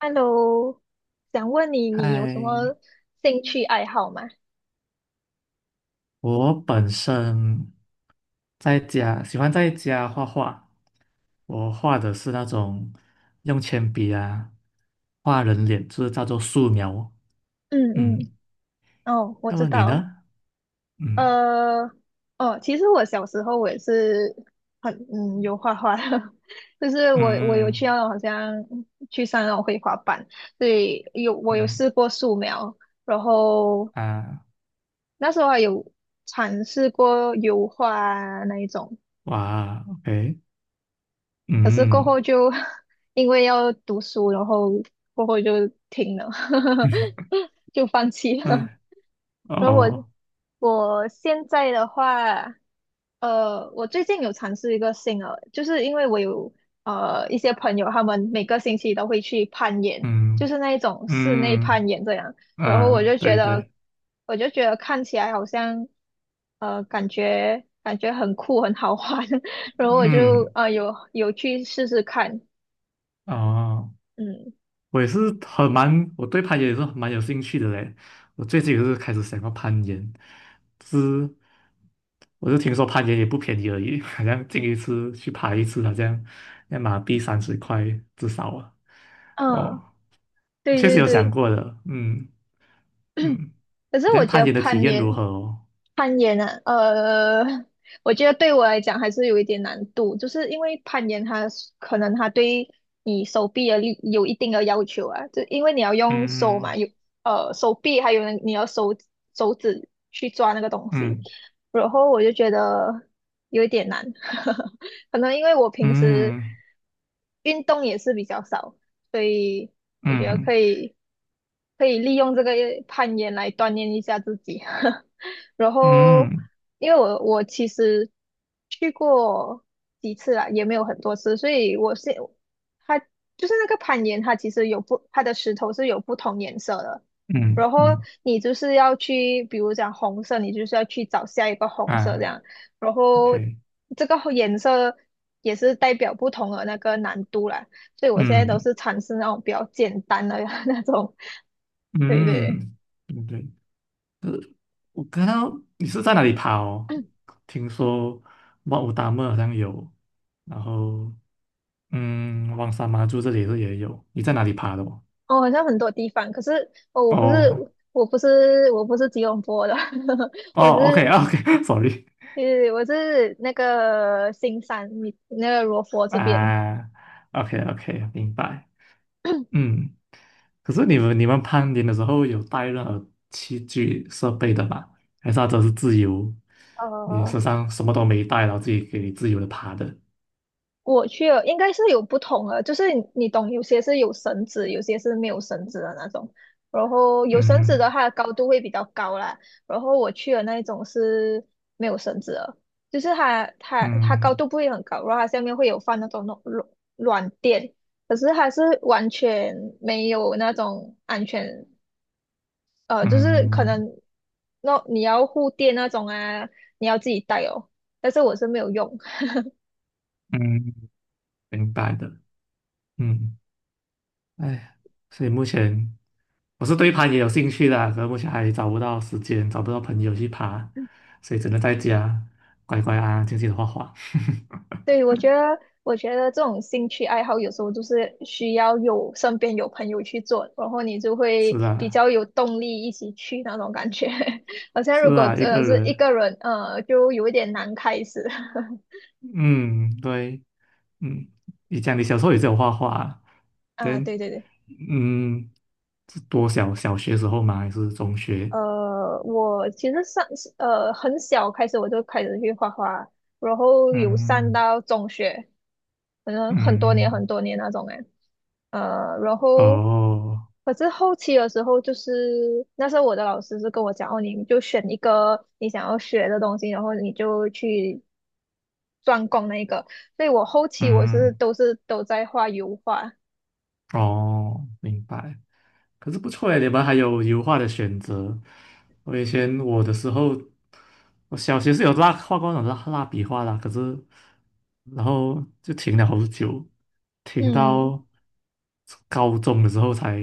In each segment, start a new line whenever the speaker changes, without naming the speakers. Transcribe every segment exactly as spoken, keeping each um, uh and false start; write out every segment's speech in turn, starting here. Hello，想问你，你有什么
嗨，
兴趣爱好吗？
我本身在家喜欢在家画画，我画的是那种用铅笔啊画人脸，就是叫做素描。
嗯
嗯，
嗯，哦，我
那
知
么你
道，
呢？嗯。
呃，哦，其实我小时候我也是很嗯有画画的，就是我我有去
嗯。
那种好像去上那种绘画班，所以有我
嗯
有
嗯
试过素描，然后
啊。
那时候还有尝试过油画啊那一种，
哇，OK。
可是过
嗯
后就 因为要读书，然后过后就停了，就放弃了。
嗯。
然后我
哦。
我现在的话，呃，我最近有尝试一个新的，就是因为我有呃一些朋友，他们每个星期都会去攀岩，就
嗯。
是那一种室内
嗯。
攀岩这样。然后我
啊，
就觉
对
得，
对。
我就觉得看起来好像，呃，感觉感觉很酷，很好玩。然后我就
嗯。
呃有有去试试看，
哦。
嗯
我也是很蛮，我对攀岩也是蛮有兴趣的嘞。我最近也是开始想要攀岩，是，我就听说攀岩也不便宜而已，好像进一次去爬一次，好像要马币三十块至少啊。
嗯，
哦，
对
确实
对
有想
对。
过的。嗯。嗯。
可是
但
我觉
攀
得
岩的体
攀
验如
岩，
何哦？
攀岩啊，呃，我觉得对我来讲还是有一点难度，就是因为攀岩它是可能它对你手臂的力有一定的要求啊，就因为你要用手嘛，
嗯。
有呃手臂，还有你要手手指去抓那个东西，
嗯。
然后我就觉得有一点难，可能因为我平时
嗯。
运动也是比较少。所以我觉得
嗯。
可以可以利用这个攀岩来锻炼一下自己。然
嗯。
后，
嗯。
因为我我其实去过几次啦，也没有很多次，所以我是它就是那个攀岩，它其实有不它的石头是有不同颜色的。
嗯。
然后
嗯。
你就是要去，比如讲红色，你就是要去找下一个红色这
啊
样。然后
，OK。
这个颜色也是代表不同的那个难度啦。所以我现在都
嗯。
是尝试那种比较简单的 那种，对对，
嗯。嗯，对。我看到你是在哪里爬哦？听说哇，武达木好像有，然后嗯，旺沙妈珠这里是也有。你在哪里爬的哦？
哦，好像很多地方，可是哦，我不是
哦。
我不是我不是吉隆坡的，我
哦
是
，OK OK，sorry。
呃我是那个新山，你那个罗佛 这边，
啊，OK OK，明白。嗯，可是你们你们攀岩的时候有带任何器具设备的吗？还是它只是自由？你
呃，
身上什么都没带，然后自己给你自由的爬的？
我去了，应该是有不同的，就是你你懂，有些是有绳子，有些是没有绳子的那种。然后有绳子的，它的高度会比较高啦。然后我去的那一种是没有绳子的，就是它它它高
嗯。
度不会很高，然后它下面会有放那种软软软垫，可是还是完全没有那种安全，呃，
嗯。
就是可
嗯。
能那你要护垫那种啊，你要自己带哦。但是我是没有用，
嗯。嗯，明白的。嗯。哎，所以目前我是对攀也有兴趣的，可是目前还找不到时间，找不到朋友去爬，所以只能在家乖乖安安静静的画画。
对，我觉得，我觉得这种兴趣爱好有时候就是需要有身边有朋友去做，然后你就
是
会比
啊，
较有动力一起去那种感觉。好像
是
如果
啊，一个
呃是一
人，
个人，呃就有一点难开始。
嗯，对，嗯，你讲你小时候也是有画画啊，
啊，
对，
对对对，
嗯，是多小，小学时候吗？还是中学？
呃，我其实上呃很小开始我就开始去画画，然后有上
嗯。
到中学，可能很多年很
嗯。
多年那种哎。呃，然
嗯，
后
哦。
可是后期的时候，就是那时候我的老师是跟我讲，哦，你就选一个你想要学的东西，然后你就去专攻那个。所以我后期我是
嗯，
都是都在画油画，
哦，明白。可是不错诶，你们还有油画的选择。我以前我的时候，我小学是有蜡画过那种蜡蜡笔画啦，可是然后就停了好久，停
嗯，
到高中的时候才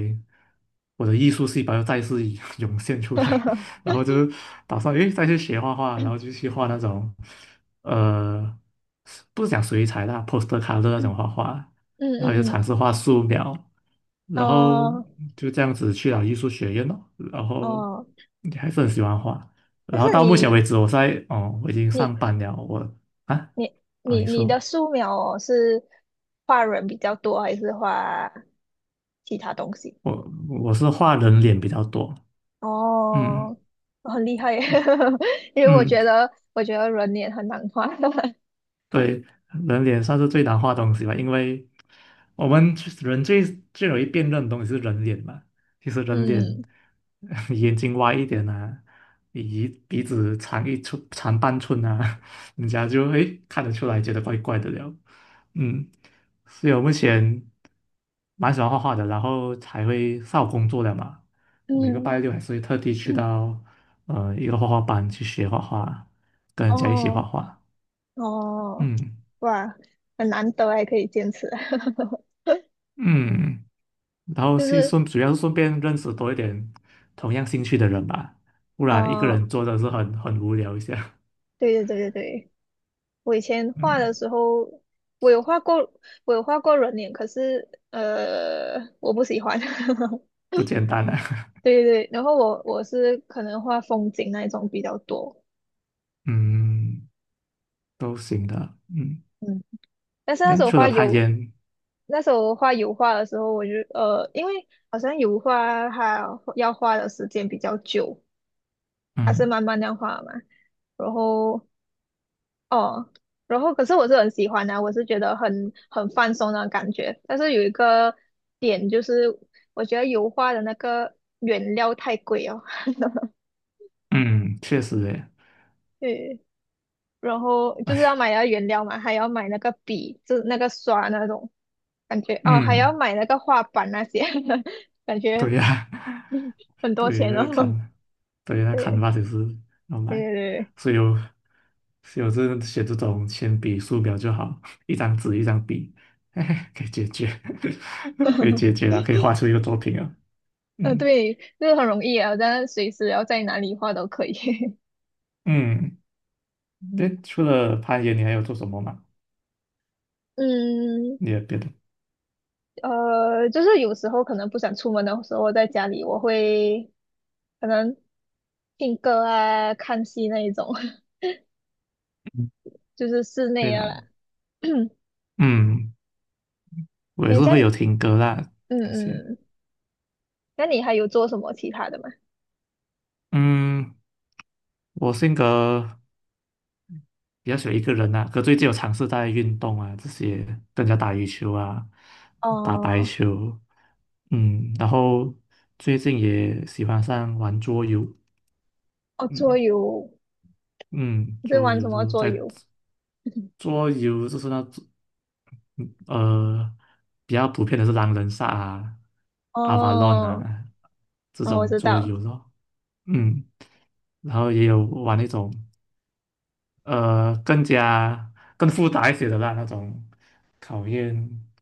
我的艺术细胞又再次 涌现出 来，然后就打算诶再去学画画，然后就去画那种呃不是讲水彩啦，poster c o l o 那
嗯
种画画。然后就尝
嗯
试画素描，
嗯，
然后
哦
就这样子去了艺术学院咯，然后
哦，
你还是很喜欢画，
但
然后
是
到目前为
你
止我在哦，我已经
你
上班了，我啊。
你
啊，
你
你
你
说，
的素描哦，是画人比较多，还是画其他东西？
我我是画人脸比较多。嗯。
哦，很厉害耶，因为我
嗯。
觉得，我觉得人脸很难画。
对，人脸算是最难画的东西吧，因为我们最人最最容易辨认的东西是人脸嘛。其实人脸，
嗯
眼睛歪一点啊，鼻鼻子长一寸长半寸啊，人家就诶看得出来，觉得怪怪的了。嗯，所以我目前蛮喜欢画画的，然后才会上午工作的嘛。我每个
嗯，
拜六还是会特地去到呃一个画画班去学画画，跟人家一起画
哦
画。
哦，
嗯。
哇，很难得还可以坚持。
嗯，然后
就
是
是，
顺，主要是顺便认识多一点同样兴趣的人吧，不然一个
呃，
人做的是很很无聊一下，
对对对对对，我以前 画的
嗯，
时候，我有画过，我有画过人脸，可是，呃，我不喜欢。
不简单啊，
对对对，然后我我是可能画风景那一种比较多，
嗯，都行的。嗯，
嗯，但是那
那
时候
除了
画
攀
有。
岩，
那时候画油画的时候，我就呃，因为好像油画它要画的时间比较久，它是
嗯。
慢慢那样画嘛。然后哦，然后可是我是很喜欢的，我是觉得很很放松的感觉。但是有一个点就是，我觉得油画的那个原料太贵哦，
嗯，确实诶。
对，然后就是要买那个原料嘛，还要买那个笔，就是那个刷那种感觉哦，还要
嗯，
买那个画板那些，感觉
对呀、
嗯很多
对。
钱
那个
哦。
砍，对，那砍
对
a n 也是要
对
买，
对对，
所以有，所以我是写这种铅笔、素描就好，一张纸一张笔，嘿嘿，可以解决，可以解决了，可以画出一个作品了。
呃，
嗯。
对，这个很容易啊，但是随时要在哪里画都可以。
嗯，那除了攀岩，你还有做什么吗？
嗯，
你有别的？
呃，就是有时候可能不想出门的时候，在家里我会可能听歌啊、看戏那一种，
嗯，
就是室
对
内啊
啦。
啦。
嗯，我也
诶，
是
这
会
样
有听歌啦
嗯
那些。
嗯，那你还有做什么其他的吗？
嗯，我性格比较喜欢一个人啊。可最近有尝试在运动啊，这些跟人家打羽球啊，打排
哦
球，嗯，然后最近也喜欢上玩桌游。
哦，桌
嗯。
游，
嗯，
你在
桌
玩什
游
么
就是
桌
在，
游？
桌游就是那种呃比较普遍的是狼人杀啊、阿 v a l
哦
啊这
哦，我
种
知
桌
道，
游咯。嗯，然后也有玩那种。呃更加更复杂一些的啦，那种考验，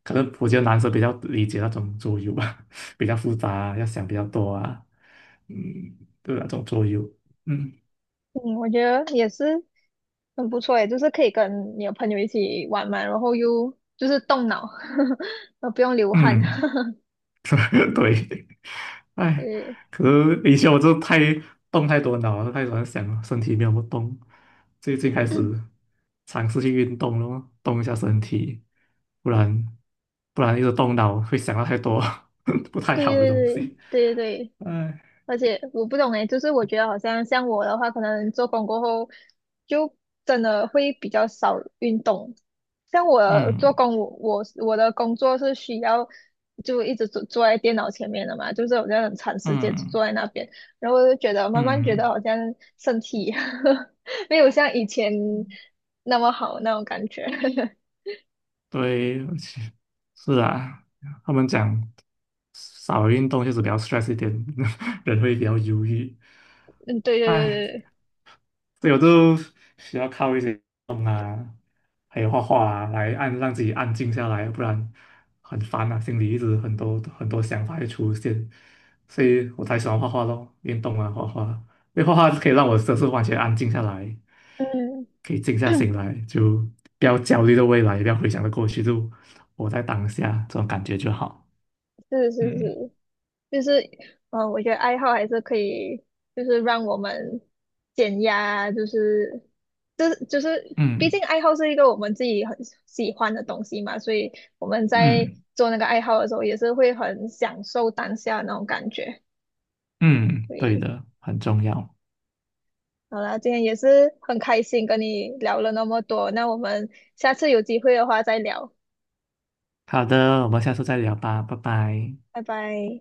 可能我觉得男生比较理解那种桌游吧，比较复杂，要想比较多啊，嗯，对那种桌游。嗯。
嗯，我觉得也是，很不错诶，就是可以跟你的朋友一起玩嘛，然后又就是动脑，呃，不用流汗，
嗯。对，哎，
对
可是以前我就太动太多脑了，太喜欢想了，身体没有不动。最近开始尝试去运动了动一下身体，不然不然一直动脑会想到太多 不太
对
好的
对
东
对
西。
对对对，
哎。
而且我不懂诶，就是我觉得好像像我的话，可能做工过后就真的会比较少运动。像我做
嗯。
工，我我我的工作是需要就一直坐坐在电脑前面的嘛，就是好像很长时间
嗯。
坐在那边，然后我就觉得慢慢觉得
嗯，
好像身体 没有像以前那么好那种感觉。
对，而且是啊，他们讲少运动就是比较 stress 一点，人会比较忧郁。
嗯，对对对
哎。
对对，
所以我就需要靠一些动啊，还有画画啊，来按让自己安静下来，不然很烦啊，心里一直很多很多想法会出现，所以我才喜欢画画咯，运动啊，画画，因为画画可以让我就是完全安静下来，
嗯，
可以静下心来，就不要焦虑的未来，也不要回想着过去，就活在当下，这种感觉就好。
是是
嗯。
是，就是，嗯呃，我觉得爱好还是可以，就是让我们减压啊就是就是就是，毕竟
嗯。
爱好是一个我们自己很喜欢的东西嘛，所以我们在
嗯。
做那个爱好的时候，也是会很享受当下那种感觉。
嗯，
所
对
以，
的，很重要。
好啦，今天也是很开心跟你聊了那么多，那我们下次有机会的话再聊，
好的，我们下次再聊吧，拜拜。
拜拜。